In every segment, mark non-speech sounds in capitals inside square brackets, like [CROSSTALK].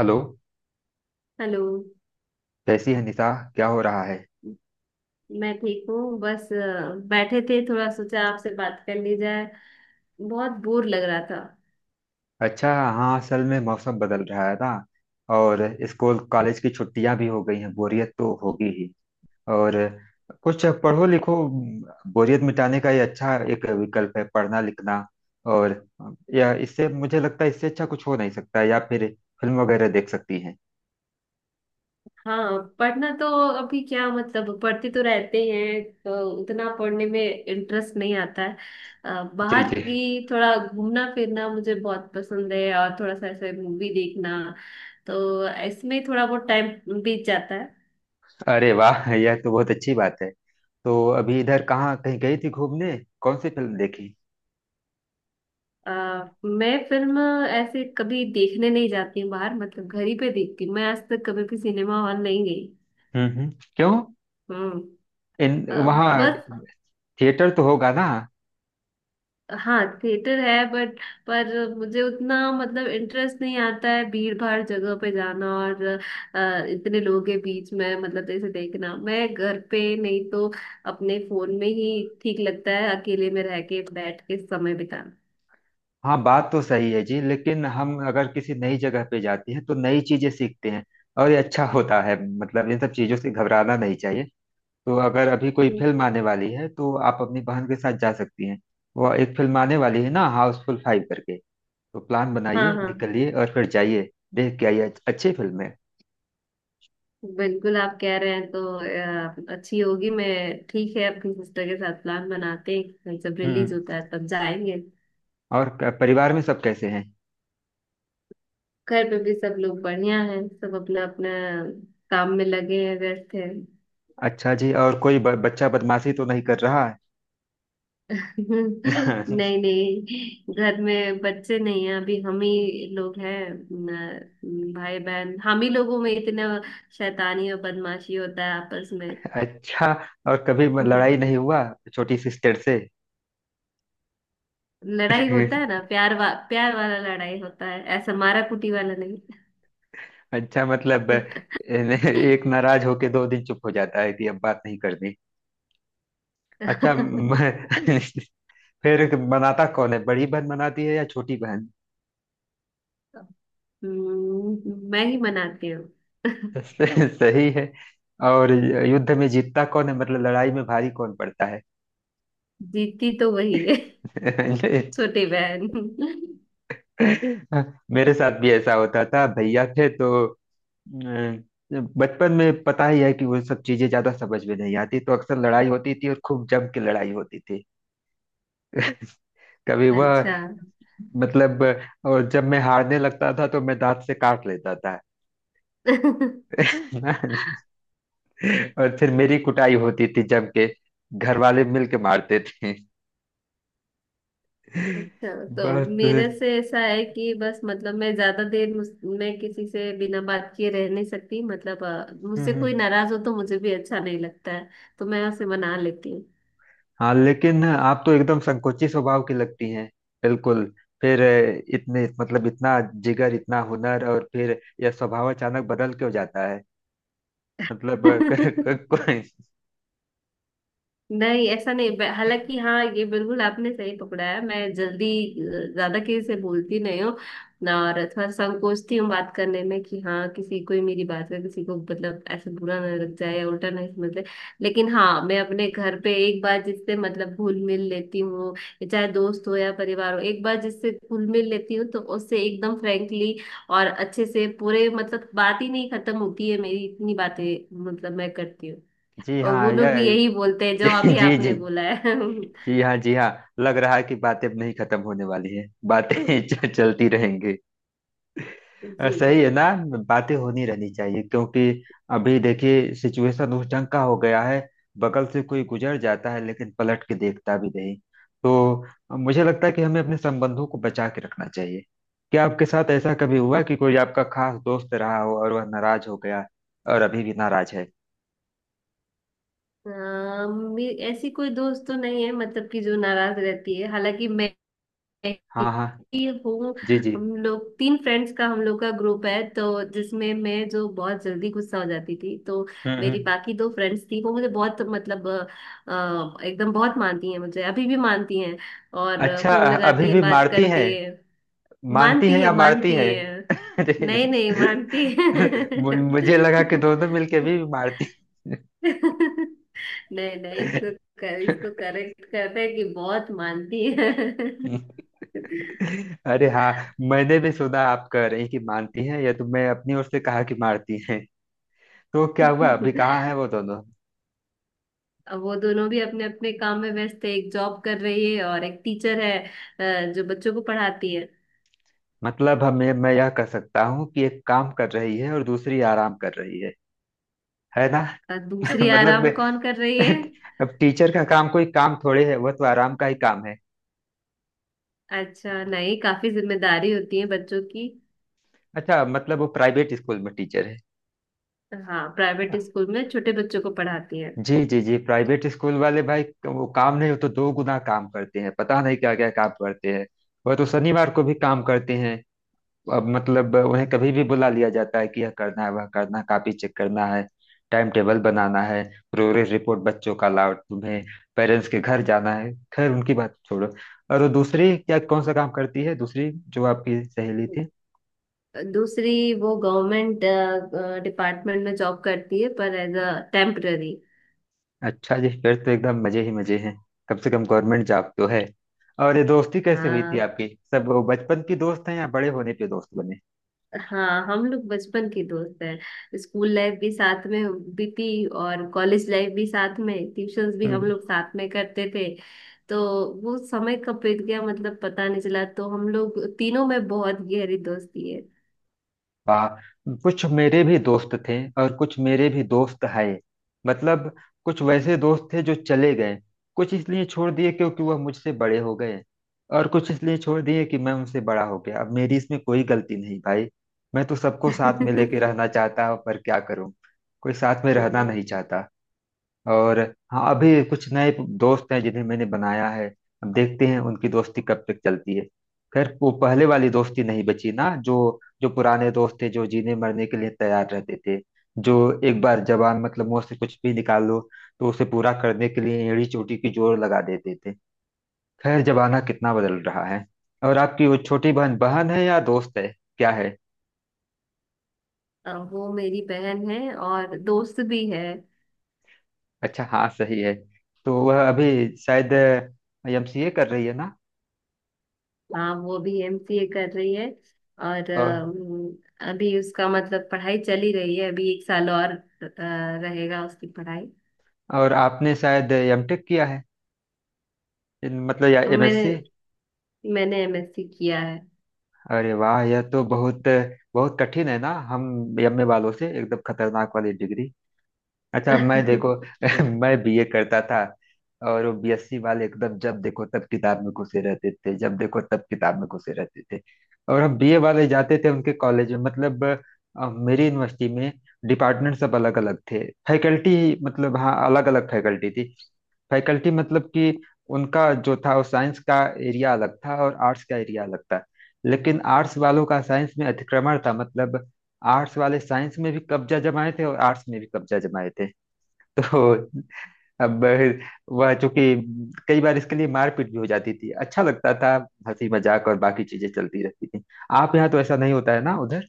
Hello. Hello. कैसी है निशा? क्या हो रहा है? मैं ठीक हूँ, बस बैठे थे, थोड़ा सोचा आपसे बात कर ली जाए। बहुत बोर लग रहा था। अच्छा हाँ, असल में मौसम बदल रहा है ना, और स्कूल कॉलेज की छुट्टियां भी हो गई हैं, बोरियत तो होगी ही। और कुछ पढ़ो लिखो, बोरियत मिटाने का ये अच्छा एक विकल्प है पढ़ना लिखना। और या इससे मुझे लगता है इससे अच्छा कुछ हो नहीं सकता, या फिर फिल्म वगैरह देख सकती हैं। हाँ, पढ़ना तो अभी क्या मतलब, पढ़ते तो रहते ही हैं, तो उतना पढ़ने में इंटरेस्ट नहीं आता है। जी बाहर जी। की थोड़ा घूमना फिरना मुझे बहुत पसंद है, और थोड़ा सा ऐसे मूवी देखना, तो इसमें थोड़ा बहुत टाइम बीत जाता है। अरे वाह, यह तो बहुत अच्छी बात है। तो अभी इधर कहाँ कहीं गई थी घूमने? कौन सी फिल्म देखी? अ, मैं फिल्म ऐसे कभी देखने नहीं जाती हूँ बाहर, मतलब घर ही पे देखती हूँ। मैं आज तक कभी भी सिनेमा हॉल नहीं गई। क्यों? हम्म। अ, इन वहाँ बस। थिएटर तो होगा ना? हाँ थिएटर है बट, पर मुझे उतना मतलब इंटरेस्ट नहीं आता है भीड़ भाड़ जगह पे जाना, और इतने लोगों के बीच में मतलब ऐसे देखना, मैं घर पे नहीं तो अपने फोन में ही ठीक लगता है, अकेले में रह के बैठ के समय बिताना। हाँ, बात तो सही है जी, लेकिन हम अगर किसी नई जगह पे जाते हैं तो नई चीजें सीखते हैं, और ये अच्छा होता है, मतलब इन सब चीजों से घबराना नहीं चाहिए। तो अगर अभी कोई हम्म। फिल्म आने वाली है तो आप अपनी बहन के साथ जा सकती हैं। वह एक फिल्म आने वाली है ना, हाउसफुल 5 करके। तो प्लान हाँ बनाइए, हाँ, निकलिए और फिर जाइए, देख के आइए, अच्छी फिल्म है। बिल्कुल आप कह रहे हैं तो अच्छी होगी। मैं ठीक है, अपनी सिस्टर के साथ प्लान बनाते हैं, कहीं सब हम्म। रिलीज होता है तब जाएंगे। और परिवार में सब कैसे हैं? घर पे भी सब लोग बढ़िया हैं, सब अपना अपना काम में लगे हैं, व्यस्त हैं। अच्छा जी, और कोई बच्चा बदमाशी तो नहीं कर रहा [LAUGHS] नहीं है? [LAUGHS] नहीं, घर में बच्चे नहीं हैं, अभी हम ही लोग हैं। भाई बहन हम ही लोगों में इतना शैतानी और बदमाशी होता है आपस में। अच्छा, और कभी लड़ाई [LAUGHS] नहीं हुआ छोटी सिस्टर से? लड़ाई होता है [LAUGHS] ना, प्यार वाला लड़ाई होता है, ऐसा मारा कुटी वाला नहीं। अच्छा मतलब [LAUGHS] एक नाराज होके 2 दिन चुप हो जाता है कि अब बात नहीं करनी? [LAUGHS] अच्छा हम्म। [LAUGHS] फिर मनाता कौन है, बड़ी बहन मनाती है या छोटी बहन? मैं ही मनाती हूँ। [LAUGHS] [LAUGHS] सही है। और युद्ध में जीतता कौन है, मतलब लड़ाई में भारी कौन पड़ता है? जीती तो वही है, [LAUGHS] छोटी बहन। [LAUGHS] मेरे साथ भी ऐसा होता था, भैया थे तो बचपन में पता ही है कि वो सब चीजें ज्यादा समझ में नहीं आती, तो अक्सर लड़ाई होती थी और खूब जम के लड़ाई होती थी। कभी वह अच्छा। मतलब, और जब मैं हारने लगता था तो मैं दांत से काट लेता था। अच्छा [LAUGHS] और फिर मेरी कुटाई होती थी जम के, घर वाले मिल के मारते थे। [LAUGHS] तो बहुत। मेरे से ऐसा है कि बस मतलब, मैं ज्यादा देर मैं किसी से बिना बात किए रह नहीं सकती, मतलब मुझसे कोई नाराज हो तो मुझे भी अच्छा नहीं लगता है, तो मैं उसे मना लेती हाँ लेकिन आप तो एकदम संकोची स्वभाव की लगती हैं, बिल्कुल। फिर इतने मतलब इतना जिगर, इतना हुनर, और फिर यह स्वभाव अचानक बदल क्यों जाता है, मतलब [LAUGHS] अ, क, हूँ। [LAUGHS] क, क, नहीं ऐसा नहीं हालांकि हाँ, ये बिल्कुल आपने सही पकड़ा है, मैं जल्दी ज्यादा किसी से बोलती नहीं हूँ ना, और थोड़ा संकोचती हूँ बात करने में, कि हाँ किसी को ही मेरी बात का, किसी को मतलब ऐसा बुरा ना लग जाए या उल्टा नहीं समझ ले। लेकिन हाँ, मैं अपने घर पे एक बार जिससे मतलब घुल मिल लेती हूँ, ये चाहे दोस्त हो या परिवार हो, एक बार जिससे घुल मिल लेती हूँ तो उससे एकदम फ्रेंकली और अच्छे से पूरे मतलब, बात ही नहीं खत्म होती है मेरी, इतनी बातें मतलब मैं करती हूँ। जी और हाँ। वो लोग यह भी यही बोलते हैं जो जी अभी जी जी। आपने बोला है। जी [LAUGHS] हाँ जी हाँ। लग रहा है कि बातें अब नहीं खत्म होने वाली है बातें [LAUGHS] चलती रहेंगी। जी। सही है ना, बातें होनी रहनी चाहिए, क्योंकि अभी देखिए सिचुएशन उस ढंग का हो गया है, बगल से कोई गुजर जाता है लेकिन पलट के देखता भी नहीं। तो मुझे लगता है कि हमें अपने संबंधों को बचा के रखना चाहिए। क्या आपके साथ ऐसा कभी हुआ कि कोई आपका खास दोस्त रहा हो और वह नाराज हो गया, और अभी भी नाराज है? आ, ऐसी कोई दोस्त तो नहीं है मतलब कि जो नाराज रहती है, हालांकि मैं हाँ हाँ। ही हूँ। जी जी। हम लोग तीन फ्रेंड्स का, हम लोग का ग्रुप है तो, जिसमें मैं जो बहुत जल्दी गुस्सा हो जाती थी तो हम्म मेरी हम्म। बाकी दो फ्रेंड्स थी, वो मुझे बहुत मतलब एकदम बहुत मानती हैं, मुझे अभी भी मानती हैं और अच्छा, फोन अभी लगाती है, भी बात मारती है? करती है। मानती है मानती है, या मारती मानती है? है। अरे, नहीं नहीं, मानती है। मुझे लगा कि दोनों मिलके भी मारती। नहीं नहीं, इसको इसको करेक्ट करते हैं कि बहुत मानती है। अरे हाँ, मैंने भी सुना आप कह रही कि मानती हैं, या तो मैं अपनी ओर से कहा कि मारती हैं। तो क्या हुआ, अभी कहाँ है वो दोनों? अब वो दोनों भी अपने अपने काम में व्यस्त है, एक जॉब कर रही है और एक टीचर है, जो बच्चों को पढ़ाती है। मतलब हमें, मैं यह कह सकता हूँ कि एक काम कर रही है और दूसरी आराम कर रही है ना? और [LAUGHS] दूसरी मतलब आराम मैं- कौन कर रही है? अब टीचर का काम कोई काम थोड़े है, वह तो आराम का ही काम है। अच्छा नहीं, काफी जिम्मेदारी होती है बच्चों की। अच्छा मतलब वो प्राइवेट स्कूल में टीचर हाँ, प्राइवेट है। स्कूल में छोटे बच्चों को पढ़ाती हैं। जी जी जी। प्राइवेट स्कूल वाले भाई, वो काम नहीं हो तो दो गुना काम करते हैं, पता नहीं क्या क्या काम करते हैं, वह तो शनिवार को भी काम करते हैं। अब मतलब उन्हें कभी भी बुला लिया जाता है कि यह करना है, वह करना है, कॉपी चेक करना है, टाइम टेबल बनाना है, प्रोग्रेस रिपोर्ट बच्चों का लाओ, तुम्हें पेरेंट्स के घर जाना है। खैर उनकी बात छोड़ो। और वो दूसरी क्या कौन सा काम करती है, दूसरी जो आपकी सहेली थी? दूसरी वो गवर्नमेंट डिपार्टमेंट में जॉब करती है, पर एज अ टेम्पररी। अच्छा जी, फिर तो एकदम मजे ही मजे हैं, कम से कम गवर्नमेंट जॉब तो है। और ये दोस्ती कैसे हुई थी हाँ आपकी, सब वो बचपन की दोस्त हैं या बड़े होने पे दोस्त बने? हाँ, हम लोग बचपन के दोस्त हैं, स्कूल लाइफ भी साथ में बीती और कॉलेज लाइफ भी साथ में, ट्यूशंस भी हम हम्म। लोग साथ में करते थे। तो वो समय कब बीत गया मतलब पता नहीं चला, तो हम लोग तीनों में बहुत गहरी दोस्ती है। वाह। कुछ मेरे भी दोस्त थे, और कुछ मेरे भी दोस्त है। मतलब कुछ वैसे दोस्त थे जो चले गए, कुछ इसलिए छोड़ दिए क्योंकि वह मुझसे बड़े हो गए, और कुछ इसलिए छोड़ दिए कि मैं उनसे बड़ा हो गया। अब मेरी इसमें कोई गलती नहीं भाई, मैं तो सबको [LAUGHS] साथ में लेके हम्म। रहना चाहता हूं, पर क्या करूं, कोई साथ में रहना नहीं चाहता। और हाँ, अभी कुछ नए दोस्त हैं जिन्हें मैंने बनाया है, अब देखते हैं उनकी दोस्ती कब तक चलती है। खैर वो पहले वाली दोस्ती नहीं बची ना, जो जो पुराने दोस्त थे, जो जीने मरने के लिए तैयार रहते थे, जो एक बार जबान मतलब मुंह से कुछ भी निकाल लो तो उसे पूरा करने के लिए एड़ी चोटी की जोर लगा देते थे। खैर, जमाना कितना बदल रहा है। और आपकी वो छोटी बहन, बहन है या दोस्त है, क्या है? वो मेरी बहन है और दोस्त भी है। अच्छा हाँ सही है। तो वह अभी शायद एमसीए कर रही है हाँ, वो भी एमसीए कर रही है। और ना? अभी उसका मतलब पढ़ाई चल ही रही है, अभी एक साल और रहेगा उसकी पढ़ाई। और आपने शायद एमटेक किया है, मतलब या मैं एमएससी? मैंने एमएससी किया है। अरे वाह, यह तो बहुत बहुत कठिन है ना, हम एमए वालों से एकदम खतरनाक वाली डिग्री। अच्छा मैं देखो [LAUGHS] [LAUGHS] मैं बीए करता था, और वो बीएससी वाले एकदम जब देखो तब किताब में घुसे रहते थे, जब देखो तब किताब में घुसे रहते थे। और हम बीए वाले जाते थे उनके कॉलेज में, मतलब मेरी यूनिवर्सिटी में डिपार्टमेंट सब अलग अलग थे, फैकल्टी मतलब हाँ अलग अलग फैकल्टी थी। फैकल्टी मतलब कि उनका जो था वो साइंस का एरिया अलग था, और आर्ट्स का एरिया अलग था, लेकिन आर्ट्स वालों का साइंस में अतिक्रमण था, मतलब आर्ट्स वाले साइंस में भी कब्जा जमाए थे और आर्ट्स में भी कब्जा जमाए थे। तो अब वह चूंकि, कई बार इसके लिए मारपीट भी हो जाती थी, अच्छा लगता था, हंसी मजाक और बाकी चीजें चलती रहती थी। आप यहाँ तो ऐसा नहीं होता है ना उधर?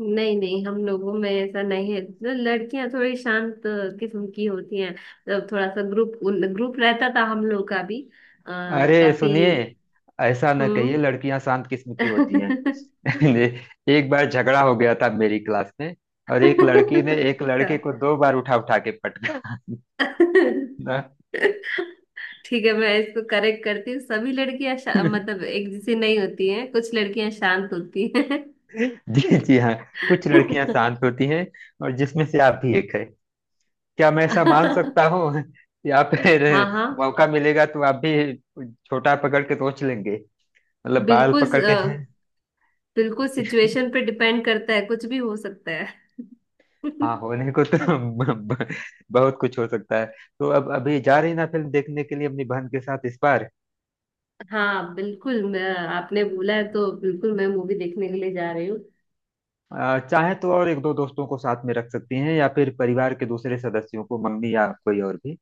नहीं नहीं, हम लोगों में ऐसा नहीं है। लड़कियां थोड़ी शांत किस्म की होती हैं, मतलब थोड़ा सा ग्रुप ग्रुप रहता था हम लोग का भी। आ, अरे काफी। सुनिए, ऐसा न कहिए, हम्म। लड़कियां शांत किस्म की होती हैं। [LAUGHS] [LAUGHS] एक बार झगड़ा हो गया था मेरी क्लास में, और एक लड़की ने एक लड़के हाँ। को 2 बार उठा उठा के पटका। [LAUGHS] ना? ठीक है, मैं इसको करेक्ट करती हूँ, सभी लड़कियां मतलब [LAUGHS] एक जैसी नहीं होती हैं, कुछ लड़कियां शांत होती हैं। जी जी हाँ, कुछ लड़कियां शांत [LAUGHS] होती हैं, और जिसमें से आप भी एक है, क्या मैं ऐसा मान सकता हूँ? [LAUGHS] या फिर हाँ हाँ, मौका मिलेगा तो आप भी छोटा पकड़ के सोच लेंगे, मतलब बाल बिल्कुल। पकड़ के। [LAUGHS] बिल्कुल सिचुएशन पे डिपेंड करता है, कुछ भी हो सकता है। हाँ, [LAUGHS] होने को तो [LAUGHS] ब- ब- बहुत कुछ हो सकता है। तो अब अभी जा रही ना फिल्म देखने के लिए अपनी बहन के साथ इस बार? हाँ बिल्कुल, मैं आपने बोला है तो बिल्कुल मैं मूवी देखने के लिए जा रही हूँ। चाहे तो और 1 2 दोस्तों को साथ में रख सकती हैं, या फिर परिवार के दूसरे सदस्यों को, मम्मी या कोई और भी,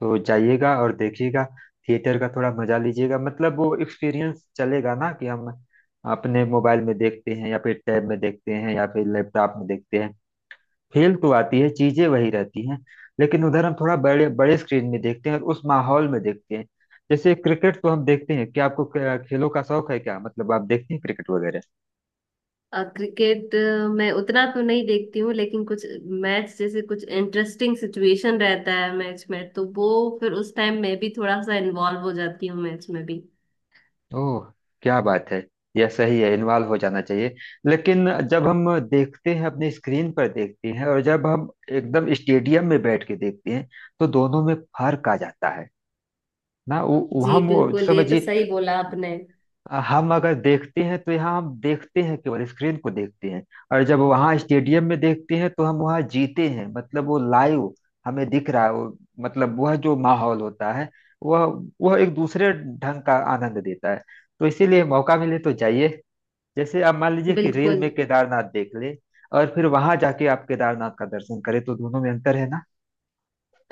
तो जाइएगा और देखिएगा, थिएटर का थोड़ा मजा लीजिएगा। मतलब वो एक्सपीरियंस चलेगा ना, कि हम अपने मोबाइल में देखते हैं या फिर टैब में देखते हैं या फिर लैपटॉप में देखते हैं, फील तो आती है, चीजें वही रहती हैं, लेकिन उधर हम थोड़ा बड़े बड़े स्क्रीन में देखते हैं और उस माहौल में देखते हैं। जैसे क्रिकेट तो हम देखते हैं, क्या आपको खेलों का शौक है क्या, मतलब आप देखते हैं क्रिकेट वगैरह? क्रिकेट मैं उतना तो नहीं देखती हूँ, लेकिन कुछ मैच जैसे कुछ इंटरेस्टिंग सिचुएशन रहता है मैच में, तो वो फिर उस टाइम मैं भी थोड़ा सा इन्वॉल्व हो जाती हूँ मैच में भी। ओह, क्या बात है, यह सही है, इन्वॉल्व हो जाना चाहिए। लेकिन जब हम देखते हैं अपने स्क्रीन पर देखते हैं, और जब हम एकदम स्टेडियम में बैठ के देखते हैं, तो दोनों में फर्क आ जाता है ना। वो जी हम वो बिल्कुल, ये तो समझिए, सही बोला आपने। हम अगर देखते हैं तो यहाँ हम देखते हैं केवल स्क्रीन को देखते हैं, और जब वहाँ स्टेडियम में देखते हैं तो हम वहाँ जीते हैं, मतलब वो लाइव हमें दिख रहा है। वो मतलब वह जो माहौल होता है, वह वह एक दूसरे ढंग का आनंद देता है। तो इसीलिए मौका मिले तो जाइए। जैसे आप मान लीजिए कि रील बिल्कुल। में केदारनाथ देख ले, और फिर वहां जाके आप केदारनाथ का दर्शन करें, तो दोनों में अंतर है ना।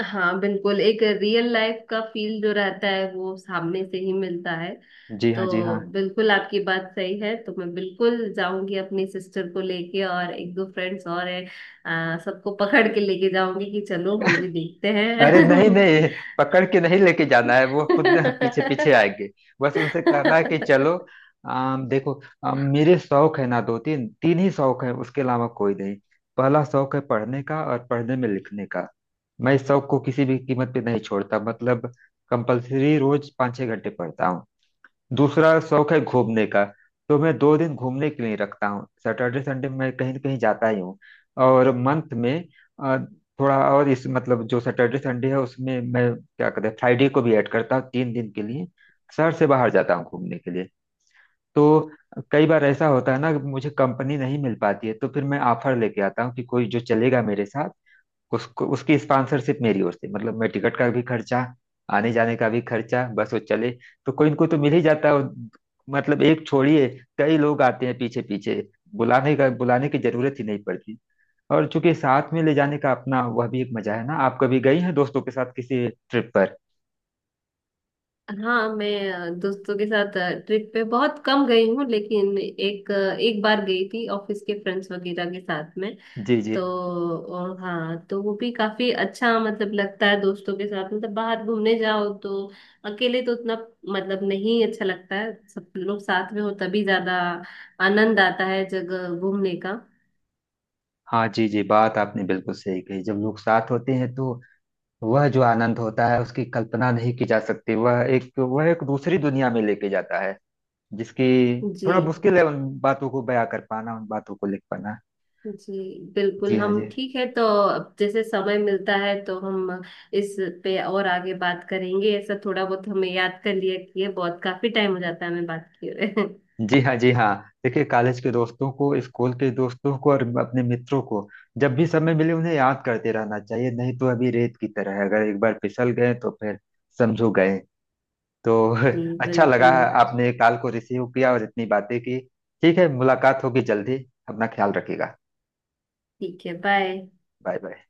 हाँ बिल्कुल, एक रियल लाइफ का फील जो रहता है वो सामने से ही मिलता है। जी हाँ जी तो हाँ। बिल्कुल आपकी बात सही है, तो मैं बिल्कुल जाऊंगी अपनी सिस्टर को लेके, और एक दो फ्रेंड्स और हैं, आ, सबको पकड़ के लेके जाऊंगी कि चलो मूवी देखते हैं। अरे नहीं नहीं, पकड़ के नहीं लेके जाना है, वो खुद [LAUGHS] पीछे पीछे आएंगे, बस उनसे कहना है कि चलो। [LAUGHS] देखो, मेरे शौक है ना, दो तीन तीन ही शौक है, उसके अलावा कोई नहीं। पहला शौक है पढ़ने का, और पढ़ने में लिखने का। मैं इस शौक को किसी भी कीमत पे नहीं छोड़ता, मतलब कंपल्सरी रोज 5 6 घंटे पढ़ता हूँ। दूसरा शौक है घूमने का, तो मैं 2 दिन घूमने के लिए रखता हूँ, सैटरडे संडे मैं कहीं न कहीं जाता ही हूँ। और मंथ में अ, थोड़ा और इस मतलब जो सैटरडे संडे है उसमें मैं क्या कहते हैं फ्राइडे को भी ऐड करता हूँ, 3 दिन के लिए शहर से बाहर जाता हूँ घूमने के लिए। तो कई बार ऐसा होता है ना कि मुझे कंपनी नहीं मिल पाती है, तो फिर मैं ऑफर लेके आता हूँ कि कोई जो चलेगा मेरे साथ उसको, उसकी स्पॉन्सरशिप मेरी ओर से, मतलब मैं टिकट का भी खर्चा, आने जाने का भी खर्चा, बस वो चले। तो कोई इनको तो मिल ही जाता है, और मतलब एक छोड़िए, कई लोग आते हैं पीछे पीछे, बुलाने की जरूरत ही नहीं पड़ती। और चूंकि साथ में ले जाने का अपना वह भी एक मजा है ना, आप कभी गई हैं दोस्तों के साथ किसी ट्रिप पर? हाँ मैं दोस्तों के साथ ट्रिप पे बहुत कम गई हूँ, लेकिन एक बार गई थी ऑफिस के फ्रेंड्स वगैरह के साथ में जी जी तो। और हाँ, तो वो भी काफी अच्छा मतलब लगता है, दोस्तों के साथ मतलब बाहर घूमने जाओ तो। अकेले तो उतना मतलब नहीं अच्छा लगता है, सब लोग साथ में हो तभी ज्यादा आनंद आता है जगह घूमने का। हाँ। जी जी, बात आपने बिल्कुल सही कही, जब लोग साथ होते हैं तो वह जो आनंद होता है उसकी कल्पना नहीं की जा सकती, वह एक दूसरी दुनिया में लेके जाता है, जिसकी जी। थोड़ा मुश्किल है उन बातों को बयां कर पाना, उन बातों को लिख पाना। जी बिल्कुल, जी हाँ हम जी। ठीक है तो, अब जैसे समय मिलता है तो हम इस पे और आगे बात करेंगे। ऐसा थोड़ा बहुत हमें याद कर लिया कि ये बहुत काफी टाइम हो जाता है हमें बात किए हुए। [LAUGHS] जी हाँ जी हाँ। देखिए कॉलेज के दोस्तों को, स्कूल के दोस्तों को और अपने मित्रों को जब भी समय मिले उन्हें याद करते रहना चाहिए, नहीं तो अभी रेत की तरह है, अगर एक बार फिसल गए तो फिर समझो गए। तो जी [LAUGHS] अच्छा लगा बिल्कुल। आपने कॉल को रिसीव किया और इतनी बातें की। ठीक है, मुलाकात होगी जल्दी, अपना ख्याल रखिएगा। ठीक है, बाय। Bye bye.